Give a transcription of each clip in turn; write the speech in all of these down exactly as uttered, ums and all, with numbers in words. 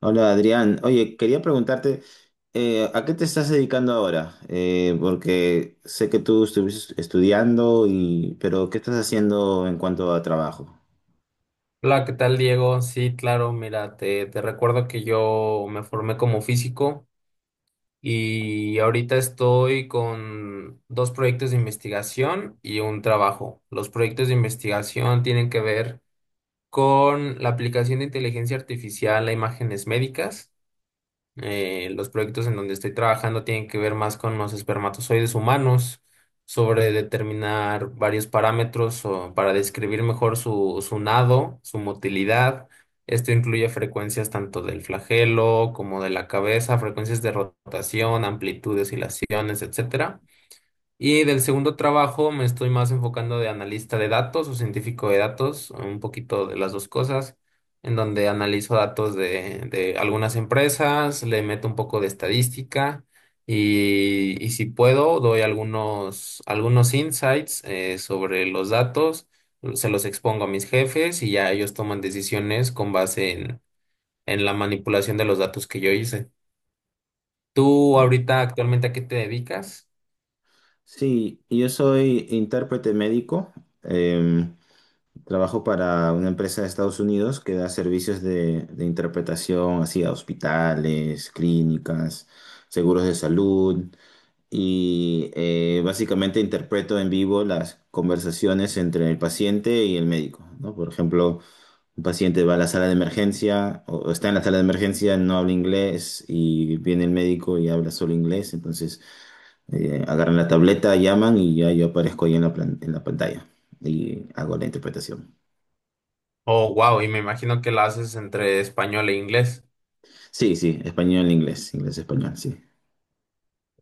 Hola Adrián, oye, quería preguntarte, eh, ¿a qué te estás dedicando ahora? Eh, porque sé que tú estuviste estudiando y, pero ¿qué estás haciendo en cuanto a trabajo? Hola, ¿qué tal, Diego? Sí, claro, mira, te, te recuerdo que yo me formé como físico y ahorita estoy con dos proyectos de investigación y un trabajo. Los proyectos de investigación tienen que ver con la aplicación de inteligencia artificial a imágenes médicas. Eh, los proyectos en donde estoy trabajando tienen que ver más con los espermatozoides humanos, sobre determinar varios parámetros o para describir mejor su, su nado, su motilidad. Esto incluye frecuencias tanto del flagelo como de la cabeza, frecuencias de rotación, amplitud, oscilaciones, etcétera. Y del segundo trabajo me estoy más enfocando de analista de datos o científico de datos, un poquito de las dos cosas, en donde analizo datos de, de algunas empresas, le meto un poco de estadística y, y si puedo doy algunos, algunos insights eh, sobre los datos, se los expongo a mis jefes y ya ellos toman decisiones con base en, en la manipulación de los datos que yo hice. ¿Tú ¿No? ahorita actualmente a qué te dedicas? Sí, yo soy intérprete médico, eh, trabajo para una empresa de Estados Unidos que da servicios de, de interpretación así a hospitales, clínicas, seguros de salud. Y eh, básicamente interpreto en vivo las conversaciones entre el paciente y el médico, ¿no? Por ejemplo, un paciente va a la sala de emergencia o o está en la sala de emergencia, no habla inglés y viene el médico y habla solo inglés, entonces eh, agarran la tableta, llaman y ya yo aparezco ahí en la, plan- en la pantalla y hago la interpretación. Oh, wow, y me imagino que la haces entre español e inglés. Sí, sí, español, inglés, inglés, español, sí.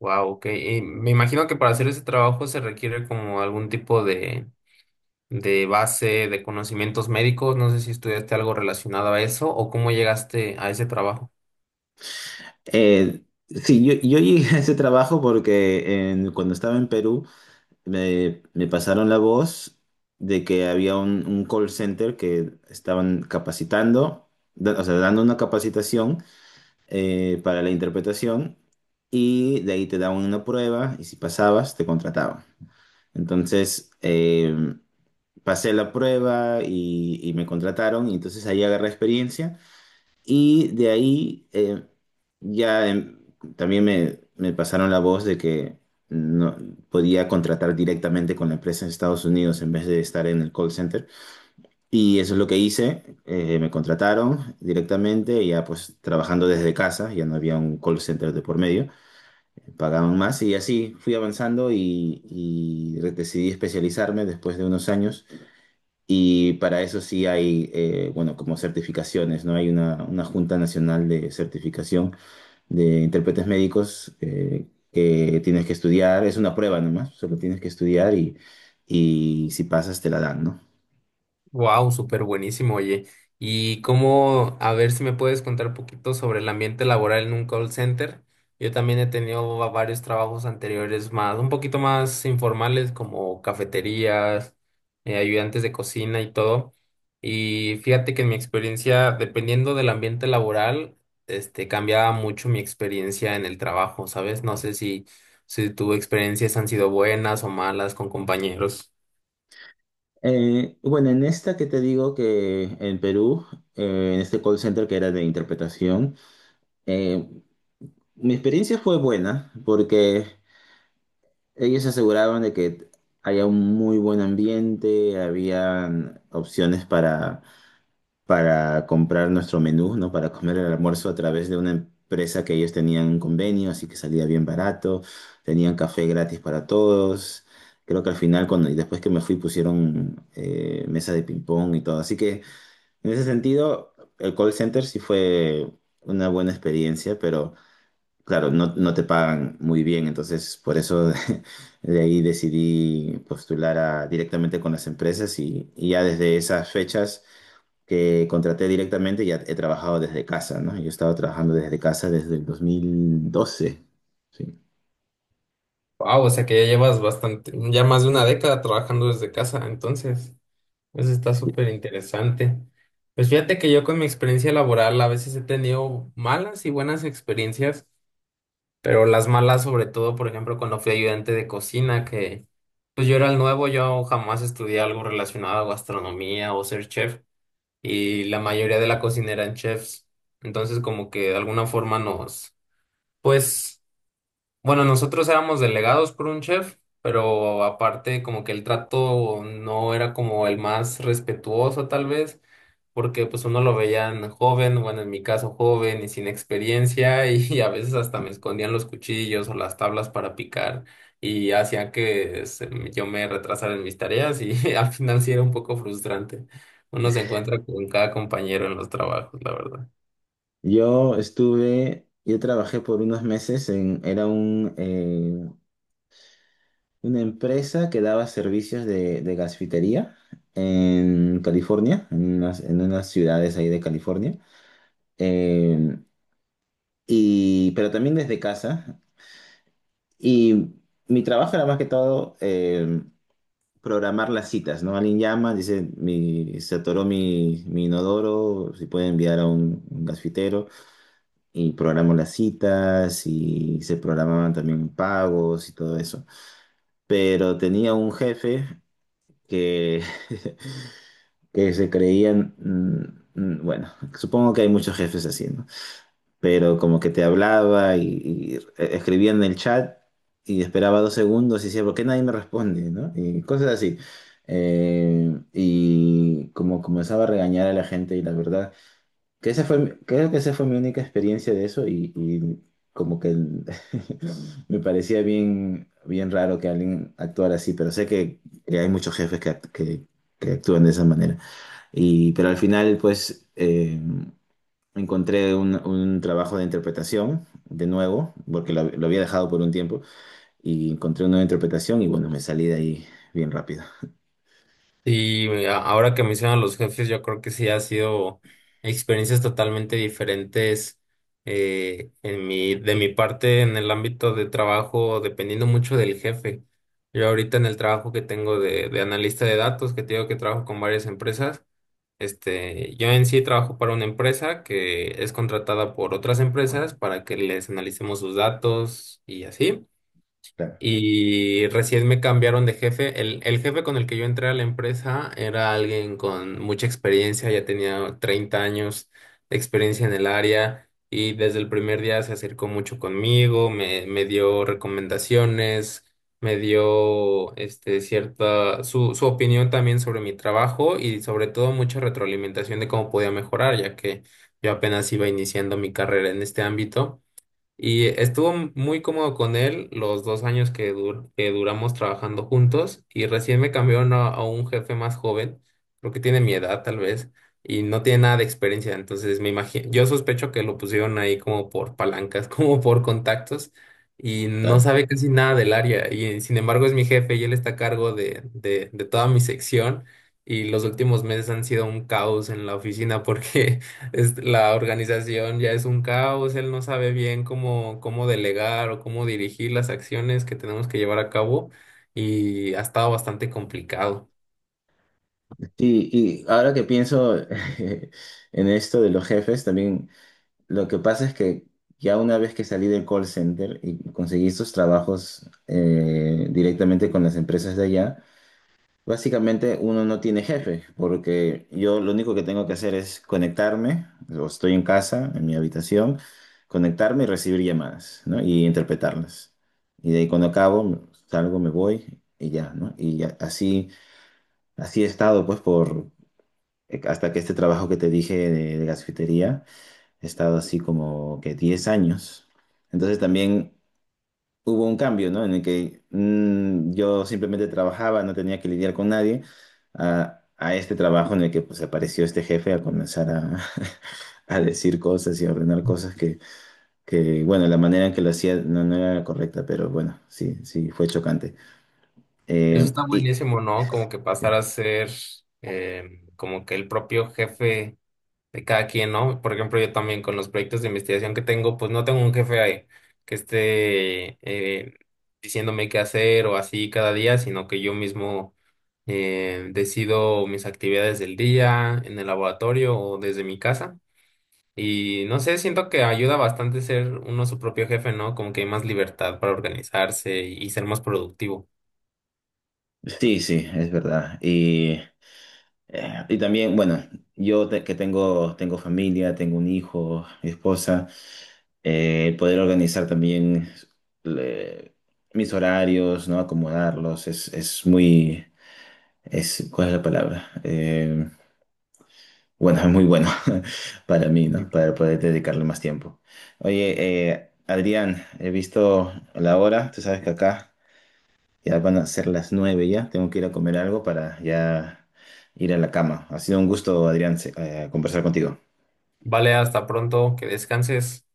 Wow, ok. Y me imagino que para hacer ese trabajo se requiere como algún tipo de, de base de conocimientos médicos. No sé si estudiaste algo relacionado a eso o cómo llegaste a ese trabajo. Eh, Sí, yo, yo llegué a ese trabajo porque en- cuando estaba en Perú, me, me pasaron la voz de que había un, un call center que estaban capacitando, da- o sea, dando una capacitación eh, para la interpretación y de ahí te daban una prueba y si pasabas te contrataban. Entonces, eh, pasé la prueba y, y me contrataron y entonces ahí agarré experiencia. Y de ahí eh, ya em, también me, me pasaron la voz de que no, podía contratar directamente con la empresa en Estados Unidos en vez de estar en el call center. Y eso es lo que hice. Eh, me contrataron directamente, ya pues trabajando desde casa, ya no había un call center de por medio. Pagaban más y así fui avanzando y, y re- decidí especializarme después de unos años y para eso sí hay, eh, bueno, como certificaciones, ¿no? Hay una, una Junta Nacional de Certificación de Intérpretes Médicos eh, que tienes que estudiar, es una prueba nomás, solo tienes que estudiar y, y si pasas te la dan, ¿no? Wow, súper buenísimo, oye. Y cómo, a ver si me puedes contar un poquito sobre el ambiente laboral en un call center. Yo también he tenido va- varios trabajos anteriores más, un poquito más informales, como cafeterías, eh, ayudantes de cocina y todo. Y fíjate que en mi experiencia, dependiendo del ambiente laboral, este, cambiaba mucho mi experiencia en el trabajo, ¿sabes? No sé si, si tus experiencias han sido buenas o malas con compañeros. Eh, bueno, en esta que te digo que en Perú, eh, en este call center que era de interpretación, eh, mi experiencia fue buena porque ellos se aseguraban de que había un muy buen ambiente, habían opciones para, para comprar nuestro menú, ¿no? Para comer el almuerzo a través de una empresa que ellos tenían un convenio, así que salía bien barato, tenían café gratis para todos. Creo que al final, cuando, y después que me fui, pusieron eh, mesa de ping-pong y todo. Así que en ese sentido, el call center sí fue una buena experiencia, pero claro, no, no te pagan muy bien, entonces por eso de, ahí decidí postular a- directamente con las empresas y, y ya desde esas fechas que contraté directamente ya he trabajado desde casa, ¿no? Yo he estado trabajando desde casa desde el dos mil doce. Sí. Wow, o sea que ya llevas bastante, ya más de una década trabajando desde casa, entonces, eso está súper interesante. Pues fíjate que yo con mi experiencia laboral a veces he tenido malas y buenas experiencias, pero las malas sobre todo, por ejemplo, cuando fui ayudante de cocina, que pues yo era el nuevo, yo jamás estudié algo relacionado a gastronomía o ser chef, y la mayoría de la cocina eran chefs, entonces como que de alguna forma nos, pues bueno, nosotros éramos delegados por un chef, pero aparte como que el trato no era como el más respetuoso tal vez, porque pues uno lo veían joven, bueno, en mi caso joven y sin experiencia y, a veces hasta me escondían los cuchillos o las tablas para picar y hacían que se- yo me retrasara en mis tareas y al final sí era un poco frustrante. Uno se encuentra con cada compañero en los trabajos, la verdad. Yo estuve, yo trabajé por unos meses en, era un, eh, una empresa que daba servicios de, de gasfitería en California, en unas, en unas ciudades ahí de California. Eh, y, pero también desde casa. Y mi trabajo era más que todo eh, programar las citas, ¿no? Alguien llama, dice, mi, se atoró mi, mi inodoro, si puede enviar a un, un gasfitero. Y programo las citas y se programaban también pagos y todo eso. Pero tenía un jefe que, que se creían, mm, mm, bueno, supongo que hay muchos jefes así, ¿no? Pero como que te hablaba y, y e, escribía en el chat y esperaba dos segundos y decía, ¿por qué nadie me responde? ¿No? Y cosas así. Eh, y como comenzaba a regañar a la gente y la verdad, que esa fue, mi- creo que esa fue mi única experiencia de eso y, y como que el- me parecía bien, bien raro que alguien actuara así, pero sé que, que hay muchos jefes que, act- que, que actúan de esa manera. Y, pero al final, pues... eh, Encontré un, un trabajo de interpretación, de nuevo, porque lo, lo había dejado por un tiempo, y encontré una nueva interpretación y bueno, me salí de ahí bien rápido. Sí, a- ahora que mencionan los jefes, yo creo que sí ha sido experiencias totalmente diferentes eh, en mi, de mi parte en el ámbito de trabajo, dependiendo mucho del jefe. Yo ahorita en el trabajo que tengo de, de analista de datos, que te digo que trabajo con varias empresas, este, yo en sí trabajo para una empresa que es contratada por otras empresas para que les analicemos sus datos y así. Claro, Y recién me cambiaron de jefe. El, el jefe con el que yo entré a la empresa era alguien con mucha experiencia, ya tenía treinta años de experiencia en el área y desde el primer día se acercó mucho conmigo, me, me dio recomendaciones, me dio este, cierta su, su opinión también sobre mi trabajo y sobre todo mucha retroalimentación de cómo podía mejorar, ya que yo apenas iba iniciando mi carrera en este ámbito. Y estuvo muy cómodo con él los dos años que, dur- que duramos trabajando juntos y recién me cambiaron a, a un jefe más joven, creo que tiene mi edad tal vez, y no tiene nada de experiencia, entonces me imagino, yo sospecho que lo pusieron ahí como por palancas, como por contactos y no claro. sabe casi nada del área y sin embargo es mi jefe y él está a cargo de, de, de toda mi sección. Y los últimos meses han sido un caos en la oficina porque es- la organización ya es un caos, él no sabe bien cómo, cómo delegar o cómo dirigir las acciones que tenemos que llevar a cabo y ha estado bastante complicado. Y, y ahora que pienso en esto de los jefes, también lo que pasa es que ya una vez que salí del call center y conseguí estos trabajos eh, directamente con las empresas de allá, básicamente uno no tiene jefe, porque yo lo único que tengo que hacer es conectarme, o estoy en casa, en mi habitación, conectarme y recibir llamadas, ¿no? Y interpretarlas. Y de ahí cuando acabo, salgo, me voy y ya, ¿no? Y ya- así, así he estado, pues, por, hasta que este trabajo que te dije de, de gasfitería, he estado así como que diez años. Entonces también hubo un cambio, ¿no? En el que mm, yo simplemente trabajaba, no tenía que lidiar con nadie, a, a este trabajo en el que pues apareció este jefe a comenzar a, a decir cosas y a ordenar cosas que, que, bueno, la manera en que lo hacía no, no era la correcta, pero bueno, sí, sí, fue chocante. Eso Eh, está Y buenísimo, ¿no? Como que pasar a ser eh, como que el propio jefe de cada quien, ¿no? Por ejemplo, yo también con los proyectos de investigación que tengo, pues no tengo un jefe ahí que esté eh, diciéndome qué hacer o así cada día, sino que yo mismo eh, decido mis actividades del día en el laboratorio o desde mi casa. Y no sé, siento que ayuda bastante ser uno su propio jefe, ¿no? Como que hay más libertad para organizarse y ser más productivo. sí, sí, es verdad. Y, eh, y también, bueno, yo te- que tengo, tengo familia, tengo un hijo, mi esposa. Eh, el poder organizar también le- mis horarios, ¿no? Acomodarlos, es, es muy, es, ¿cuál es la palabra? Eh, bueno, es muy bueno para mí, Sí, ¿no? Para claro. poder dedicarle más tiempo. Oye, eh, Adrián, he visto la hora, tú sabes que acá ya van a ser las nueve ya, tengo que ir a comer algo para ya ir a la cama. Ha sido un gusto, Adrián, se- eh, conversar contigo. Vale, hasta pronto, que descanses.